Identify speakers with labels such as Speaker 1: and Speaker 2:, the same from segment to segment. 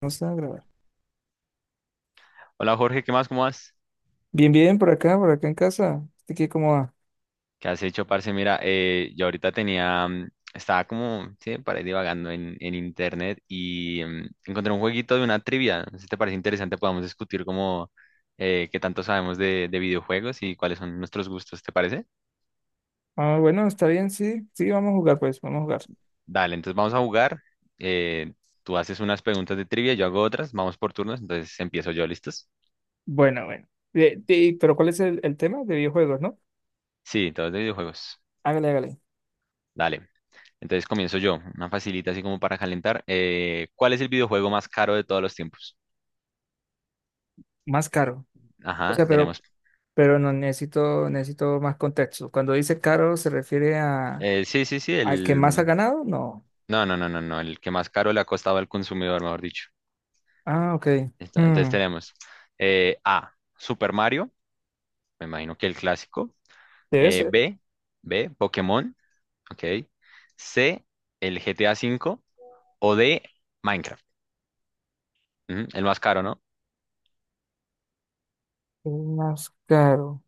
Speaker 1: No está a grabar.
Speaker 2: Hola Jorge, ¿qué más? ¿Cómo vas?
Speaker 1: Bien, bien, por acá en casa. ¿Este qué cómo va?
Speaker 2: ¿Qué has hecho, parce? Mira, yo ahorita tenía, estaba como, sí, para ir divagando en internet y encontré un jueguito de una trivia. No sé si te parece interesante, podamos discutir como qué tanto sabemos de videojuegos y cuáles son nuestros gustos, ¿te parece?
Speaker 1: Ah, bueno, está bien, sí, sí, vamos a jugar, pues, vamos a jugar.
Speaker 2: Dale, entonces vamos a jugar. eh, Tú haces unas preguntas de trivia, yo hago otras, vamos por turnos, entonces empiezo yo, ¿listos?
Speaker 1: Bueno, bueno. Pero ¿cuál es el tema de videojuegos, no?
Speaker 2: Sí, todos de videojuegos.
Speaker 1: Hágale, hágale.
Speaker 2: Dale. Entonces comienzo yo, una facilita así como para calentar. ¿Cuál es el videojuego más caro de todos los tiempos?
Speaker 1: Más caro. O
Speaker 2: Ajá,
Speaker 1: sea,
Speaker 2: tenemos.
Speaker 1: pero no necesito, necesito más contexto. Cuando dice caro, ¿se refiere a
Speaker 2: Sí, sí, sí,
Speaker 1: al que más ha
Speaker 2: el...
Speaker 1: ganado? No.
Speaker 2: No, no, no, no, no, el que más caro le ha costado al consumidor, mejor dicho.
Speaker 1: Ah, ok.
Speaker 2: Entonces
Speaker 1: Hmm,
Speaker 2: tenemos A, Super Mario, me imagino que el clásico.
Speaker 1: Debe
Speaker 2: eh,
Speaker 1: ser.
Speaker 2: B, B, Pokémon, ok. C, el GTA cinco. O D, Minecraft. Ujú, el más caro, ¿no?
Speaker 1: El más caro.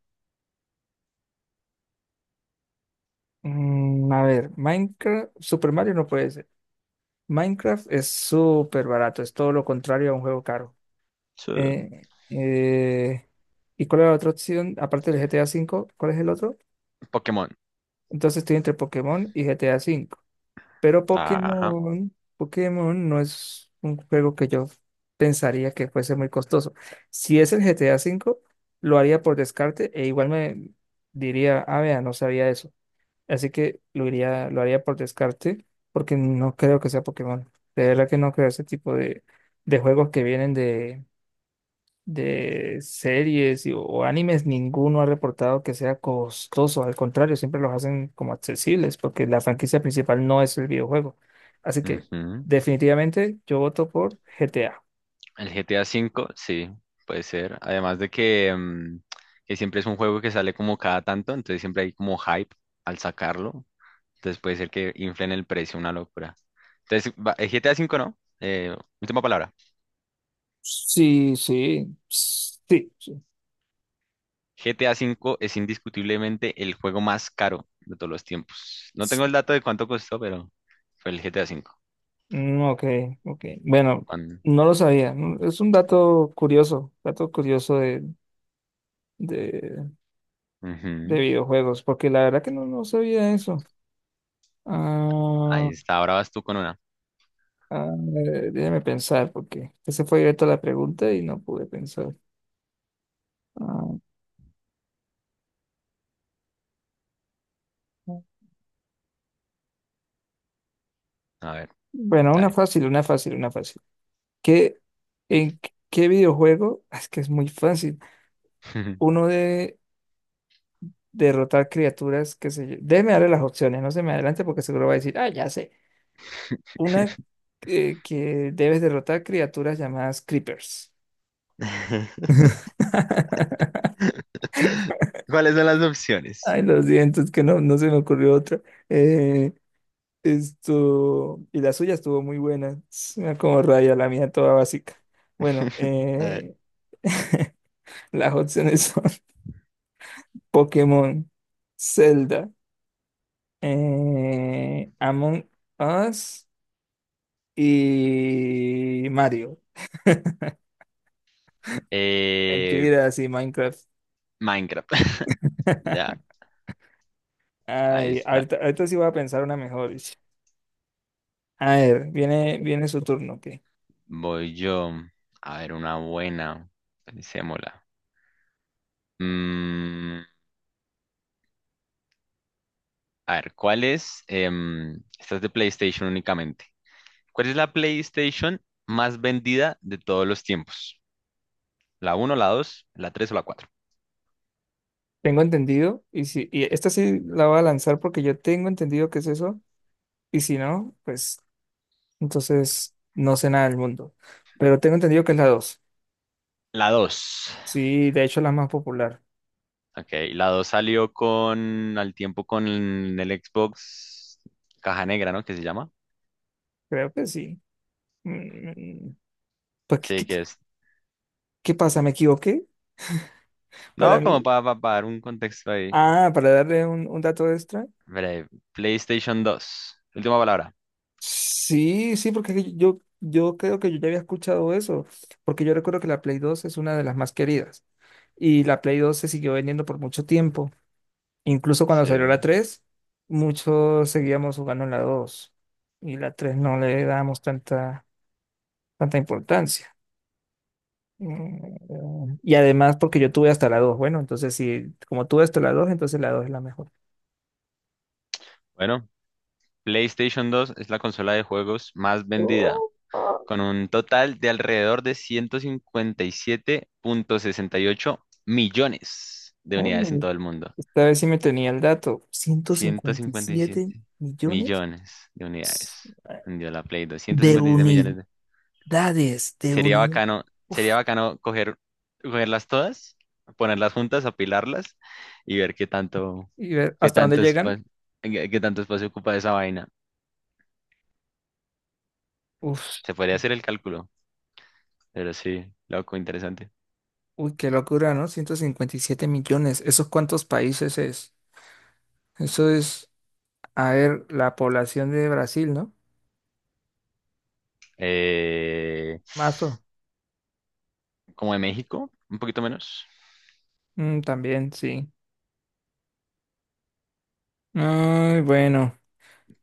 Speaker 1: A ver, Minecraft, Super Mario no puede ser. Minecraft es súper barato, es todo lo contrario a un juego caro.
Speaker 2: Sí.
Speaker 1: Eh, eh, ¿Y cuál era la otra opción? Aparte del GTA V, ¿cuál es el otro?
Speaker 2: Pokémon.
Speaker 1: Entonces estoy entre Pokémon y GTA V. Pero
Speaker 2: Ajá.
Speaker 1: Pokémon, Pokémon no es un juego que yo pensaría que fuese muy costoso. Si es el GTA V, lo haría por descarte e igual me diría, ah, vea, no sabía eso. Así que lo haría por descarte porque no creo que sea Pokémon. De verdad que no creo ese tipo de juegos que vienen de series o animes, ninguno ha reportado que sea costoso. Al contrario, siempre los hacen como accesibles porque la franquicia principal no es el videojuego. Así que
Speaker 2: Ujú.
Speaker 1: definitivamente yo voto por GTA.
Speaker 2: El GTA V, sí, puede ser. Además de que siempre es un juego que sale como cada tanto, entonces siempre hay como hype al sacarlo. Entonces puede ser que inflen el precio, una locura. Entonces, el GTA V no. Última palabra.
Speaker 1: Sí, sí, sí, sí,
Speaker 2: GTA V es indiscutiblemente el juego más caro de todos los tiempos. No tengo
Speaker 1: sí.
Speaker 2: el dato de cuánto costó, pero fue el GTA V.
Speaker 1: Mm, ok, ok. Bueno,
Speaker 2: Cuan-
Speaker 1: no lo sabía. Es un dato curioso de, de
Speaker 2: Ujú.
Speaker 1: videojuegos, porque la verdad que no, no sabía eso. Ah,
Speaker 2: Ahí está, ahora vas tú con una.
Speaker 1: ah, déjame pensar, porque ese fue directo a la pregunta y no pude pensar. Ah,
Speaker 2: A ver,
Speaker 1: bueno, una
Speaker 2: dale.
Speaker 1: fácil, una fácil, una fácil. ¿Qué, en qué videojuego? Es que es muy fácil. Uno de derrotar criaturas, qué sé yo. Déjeme darle las opciones, no se me adelante porque seguro va a decir, ah, ya sé. Una que debes derrotar criaturas llamadas creepers.
Speaker 2: ¿Cuáles son las opciones?
Speaker 1: Ay, lo siento, es que no, no se me ocurrió otra. Eh, Esto, y la suya estuvo muy buena, suena como raya, la mía toda básica. Bueno,
Speaker 2: A ver.
Speaker 1: las opciones son Pokémon, Zelda, Among Us y Mario.
Speaker 2: Eh,
Speaker 1: Mentiras y Minecraft.
Speaker 2: Minecraft. Ya, ahí
Speaker 1: Ay,
Speaker 2: está.
Speaker 1: ahorita, ahorita sí voy a pensar una mejor. Ish. A ver, viene su turno, ok.
Speaker 2: Voy yo. A ver, una buena. Pensémosla. Mm, a ver, ¿cuál es? Esta es de PlayStation únicamente. ¿Cuál es la PlayStation más vendida de todos los tiempos? ¿La uno, la 2, la 3 o la cuatro?
Speaker 1: Tengo entendido, y si, y esta sí la voy a lanzar porque yo tengo entendido que es eso, y si no, pues entonces no sé nada del mundo. Pero tengo entendido que es la dos.
Speaker 2: La 2.
Speaker 1: Sí, de hecho la más popular.
Speaker 2: Ok, la dos salió con, al tiempo con el Xbox Caja Negra, ¿no? ¿Qué se llama?
Speaker 1: Creo que sí. Mm, Pues,
Speaker 2: Sí,
Speaker 1: ¿qué,
Speaker 2: que
Speaker 1: qué-
Speaker 2: es.
Speaker 1: qué pasa? ¿Me equivoqué? Para
Speaker 2: No,
Speaker 1: mí.
Speaker 2: como para dar un contexto ahí.
Speaker 1: Ah, para darle un dato extra.
Speaker 2: Breve. PlayStation dos. Última palabra.
Speaker 1: Sí, sí, porque es que yo creo que yo ya había escuchado eso. Porque yo recuerdo que la Play 2 es una de las más queridas. Y la Play 2 se siguió vendiendo por mucho tiempo. Incluso cuando salió la
Speaker 2: Sí.
Speaker 1: 3 muchos seguíamos jugando en la dos. Y la 3 no le dábamos tanta importancia. Y además porque yo tuve hasta la dos, bueno, entonces si como tuve hasta la dos entonces la dos es la mejor.
Speaker 2: Bueno, PlayStation dos es la consola de juegos más vendida,
Speaker 1: Oh, ah,
Speaker 2: con un total de alrededor de ciento cincuenta y siete punto sesenta y ocho millones de
Speaker 1: ah,
Speaker 2: unidades en
Speaker 1: no,
Speaker 2: todo el mundo.
Speaker 1: esta vez sí me tenía el dato. ciento
Speaker 2: ciento
Speaker 1: cincuenta y
Speaker 2: cincuenta y
Speaker 1: siete
Speaker 2: siete
Speaker 1: millones
Speaker 2: millones de unidades vendió la Play dos. ciento
Speaker 1: de
Speaker 2: cincuenta y siete
Speaker 1: unidades,
Speaker 2: millones
Speaker 1: de unidades. Uf,
Speaker 2: Sería bacano coger, cogerlas todas, ponerlas juntas, apilarlas y ver qué tanto,
Speaker 1: ¿y ver
Speaker 2: qué
Speaker 1: hasta dónde
Speaker 2: tanto
Speaker 1: llegan?
Speaker 2: espa- qué tanto espacio ocupa esa vaina.
Speaker 1: Uf,
Speaker 2: Se podría hacer el cálculo, pero sí, loco, interesante.
Speaker 1: uy, qué locura, ¿no? 157 millones. ¿Esos cuántos países es? Eso es, a ver, la población de Brasil, ¿no?
Speaker 2: Eh,
Speaker 1: Mazo.
Speaker 2: Como de México, un poquito menos.
Speaker 1: Mm, también, sí. Ay, bueno,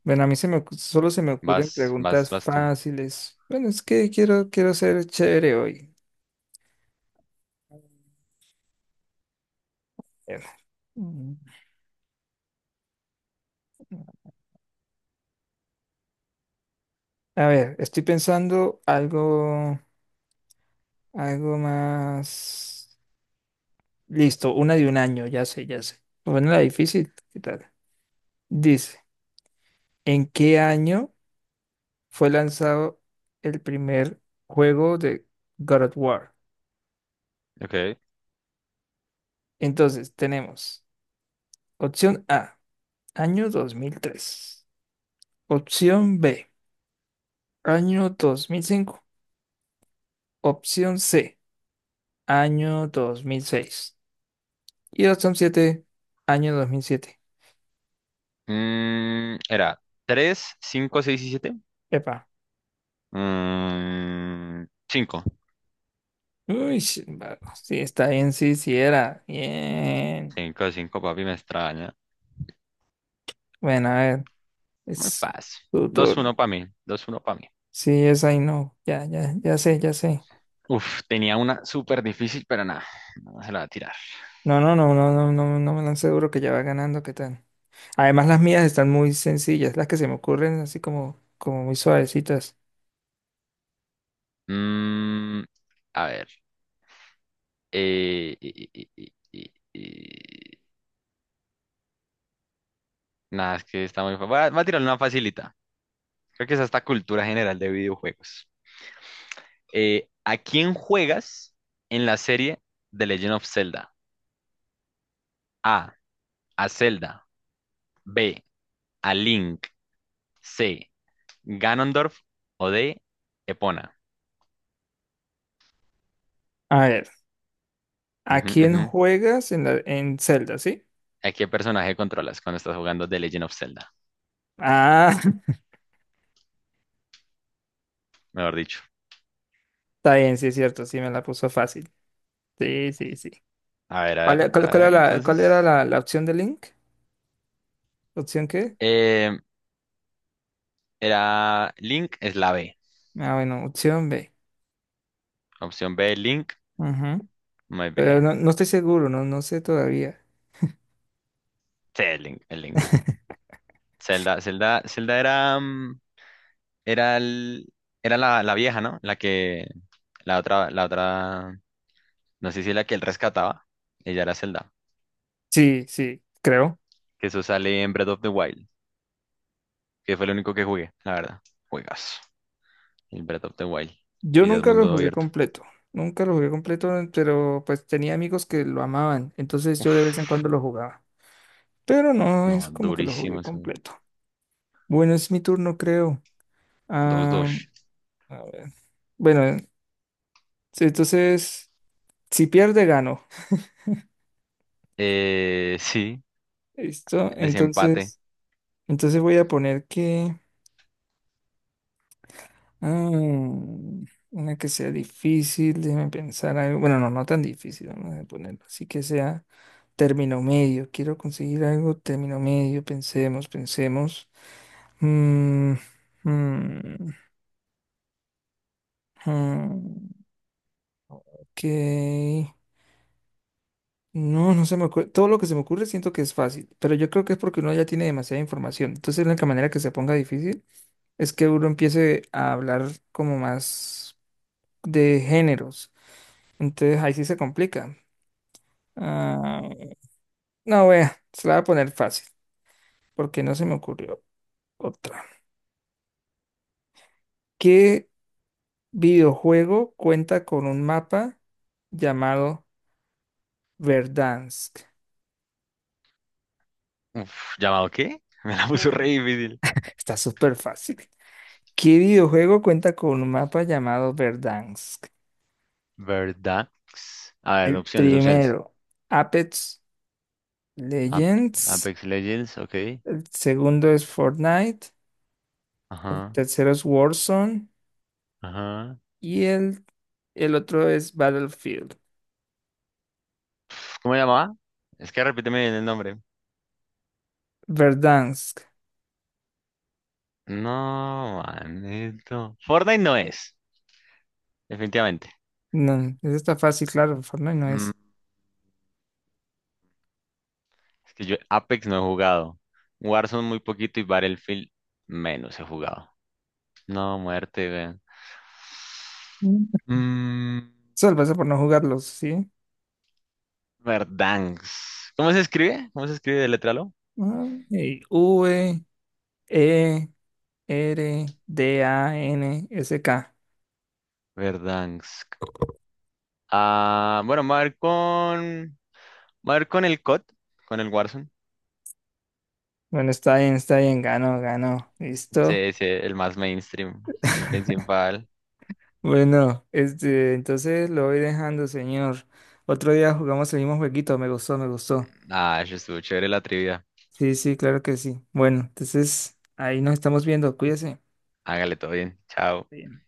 Speaker 1: bueno, a mí se me, ocu- solo se me ocurren
Speaker 2: Vas, vas,
Speaker 1: preguntas
Speaker 2: vas tú.
Speaker 1: fáciles. Bueno, es que quiero ser chévere hoy. Eh, mm, A ver, estoy pensando algo más. Listo, una de un año, ya sé, ya sé. Bueno, la difícil, ¿qué tal? Dice, ¿en qué año fue lanzado el primer juego de God of War?
Speaker 2: Ok.
Speaker 1: Entonces, tenemos opción A, año 2003. Opción B, año 2005. Opción C, año 2006. Y opción 7, año 2007.
Speaker 2: Era tres, cinco, 6 y siete.
Speaker 1: Epa.
Speaker 2: Cinco,
Speaker 1: Uy, sí, va, sí, está bien, sí, sí era. Bien.
Speaker 2: cinco, 5, papi, me extraña.
Speaker 1: Bueno, a ver,
Speaker 2: Muy
Speaker 1: es
Speaker 2: fácil.
Speaker 1: tu
Speaker 2: 2-1
Speaker 1: turno.
Speaker 2: para mí. 2-1 para mí.
Speaker 1: Sí, es ahí, no. Ya, ya, ya sé, ya sé.
Speaker 2: Uf, tenía una súper difícil, pero nada. No se la va a tirar.
Speaker 1: No, no, no, no, no, no, no me dan seguro que ya va ganando, ¿qué tal? Además, las mías están muy sencillas, las que se me ocurren así como muy suavecitas.
Speaker 2: Mm, a ver. eh, eh, eh, eh, eh, eh, Nada, es que está muy fácil. Va, va a tirar una facilita. Creo que es hasta cultura general de videojuegos. ¿A quién juegas en la serie The Legend of Zelda? A. A Zelda. B. A Link. C. Ganondorf. O D. Epona.
Speaker 1: A ver. ¿A
Speaker 2: Ujú,
Speaker 1: quién
Speaker 2: ujú.
Speaker 1: juegas en Zelda, sí?
Speaker 2: ¿A qué personaje controlas cuando estás jugando The Legend of Zelda?
Speaker 1: Ah,
Speaker 2: Mejor dicho.
Speaker 1: está bien, sí es cierto, sí me la puso fácil. Sí, sí, sí.
Speaker 2: A ver, a
Speaker 1: ¿Cuál,
Speaker 2: ver,
Speaker 1: e- cuál-
Speaker 2: a
Speaker 1: cuál era
Speaker 2: ver,
Speaker 1: la, cuál
Speaker 2: entonces.
Speaker 1: era la, la opción de Link? ¿Opción qué?
Speaker 2: Eh, Era Link, es la B.
Speaker 1: Ah, bueno, opción B.
Speaker 2: Opción B, Link.
Speaker 1: Ujú.
Speaker 2: Muy
Speaker 1: Pero no,
Speaker 2: bien.
Speaker 1: no estoy seguro, no, no sé todavía.
Speaker 2: Sí, Link, el Link. Zelda, Zelda, Zelda era, era la vieja, ¿no? La otra, no sé si la que él rescataba. Ella era Zelda.
Speaker 1: Sí, sí, creo.
Speaker 2: Que eso sale en Breath of the Wild, que fue el único que jugué, la verdad. Juegas. El Breath of the Wild,
Speaker 1: Yo
Speaker 2: que ya es
Speaker 1: nunca lo
Speaker 2: mundo
Speaker 1: jugué
Speaker 2: abierto.
Speaker 1: completo, nunca lo jugué completo, pero pues tenía amigos que lo amaban, entonces yo de vez en
Speaker 2: Uf.
Speaker 1: cuando lo jugaba. Pero no es
Speaker 2: No,
Speaker 1: como que lo
Speaker 2: durísimo
Speaker 1: jugué
Speaker 2: eso.
Speaker 1: completo. Bueno, es mi turno, creo.
Speaker 2: Dos
Speaker 1: Ah,
Speaker 2: dos.
Speaker 1: a ver. Bueno, sí, entonces, si pierde, gano.
Speaker 2: Sí,
Speaker 1: ¿Listo?
Speaker 2: desempate.
Speaker 1: Entonces voy a poner que... Ah, una que sea difícil, déjame pensar algo. Bueno, no, no tan difícil, vamos a ponerlo. Así que sea término medio. Quiero conseguir algo término medio. Pensemos, pensemos. Mm, mm, mm, ok. No, no se me ocurre. Todo lo que se me ocurre siento que es fácil, pero yo creo que es porque uno ya tiene demasiada información. Entonces, la única manera que se ponga difícil es que uno empiece a hablar como más de géneros. Entonces, ahí sí se complica. Ah, no, vea, se la voy a poner fácil, porque no se me ocurrió otra. ¿Qué videojuego cuenta con un mapa llamado Verdansk?
Speaker 2: Uf, ¿llamado qué? Me la puso re
Speaker 1: Mm.
Speaker 2: difícil.
Speaker 1: Está súper fácil. ¿Qué videojuego cuenta con un mapa llamado Verdansk?
Speaker 2: ¿Verdad? A ver,
Speaker 1: El
Speaker 2: opciones, opciones.
Speaker 1: primero, Apex
Speaker 2: Ap-
Speaker 1: Legends.
Speaker 2: Apex Legends, ok.
Speaker 1: El segundo es Fortnite. El
Speaker 2: Ajá,
Speaker 1: tercero es Warzone.
Speaker 2: ajá.
Speaker 1: Y el otro es Battlefield.
Speaker 2: ¿Cómo se llamaba? Es que repíteme bien el nombre.
Speaker 1: Verdansk.
Speaker 2: No, manito. Fortnite no es, definitivamente.
Speaker 1: No, ese está fácil, claro. Fortnite no
Speaker 2: Mm,
Speaker 1: es.
Speaker 2: es que yo Apex no he jugado. Warzone muy poquito y Battlefield menos he jugado. No, muerte, güey.
Speaker 1: Mm.
Speaker 2: Mm,
Speaker 1: Eso lo pasa por no jugarlos, ¿sí?
Speaker 2: Verdansk. ¿Cómo se escribe? ¿Cómo se escribe? Letralo.
Speaker 1: Ah, y Verdansk.
Speaker 2: Verdansk. Ah, bueno, Me voy a ir con el COD, con el Warzone.
Speaker 1: Bueno, está bien, está bien. Ganó, ganó. Listo.
Speaker 2: Sí, sí, el más mainstream, el principal.
Speaker 1: Bueno, este, entonces lo voy dejando, señor. Otro día jugamos el mismo jueguito, me gustó, me gustó.
Speaker 2: Ah, eso estuvo chévere la trivia.
Speaker 1: Sí, sí, claro que sí. Bueno, entonces ahí nos estamos viendo, cuídese.
Speaker 2: Hágale todo bien. Chao.
Speaker 1: Bien.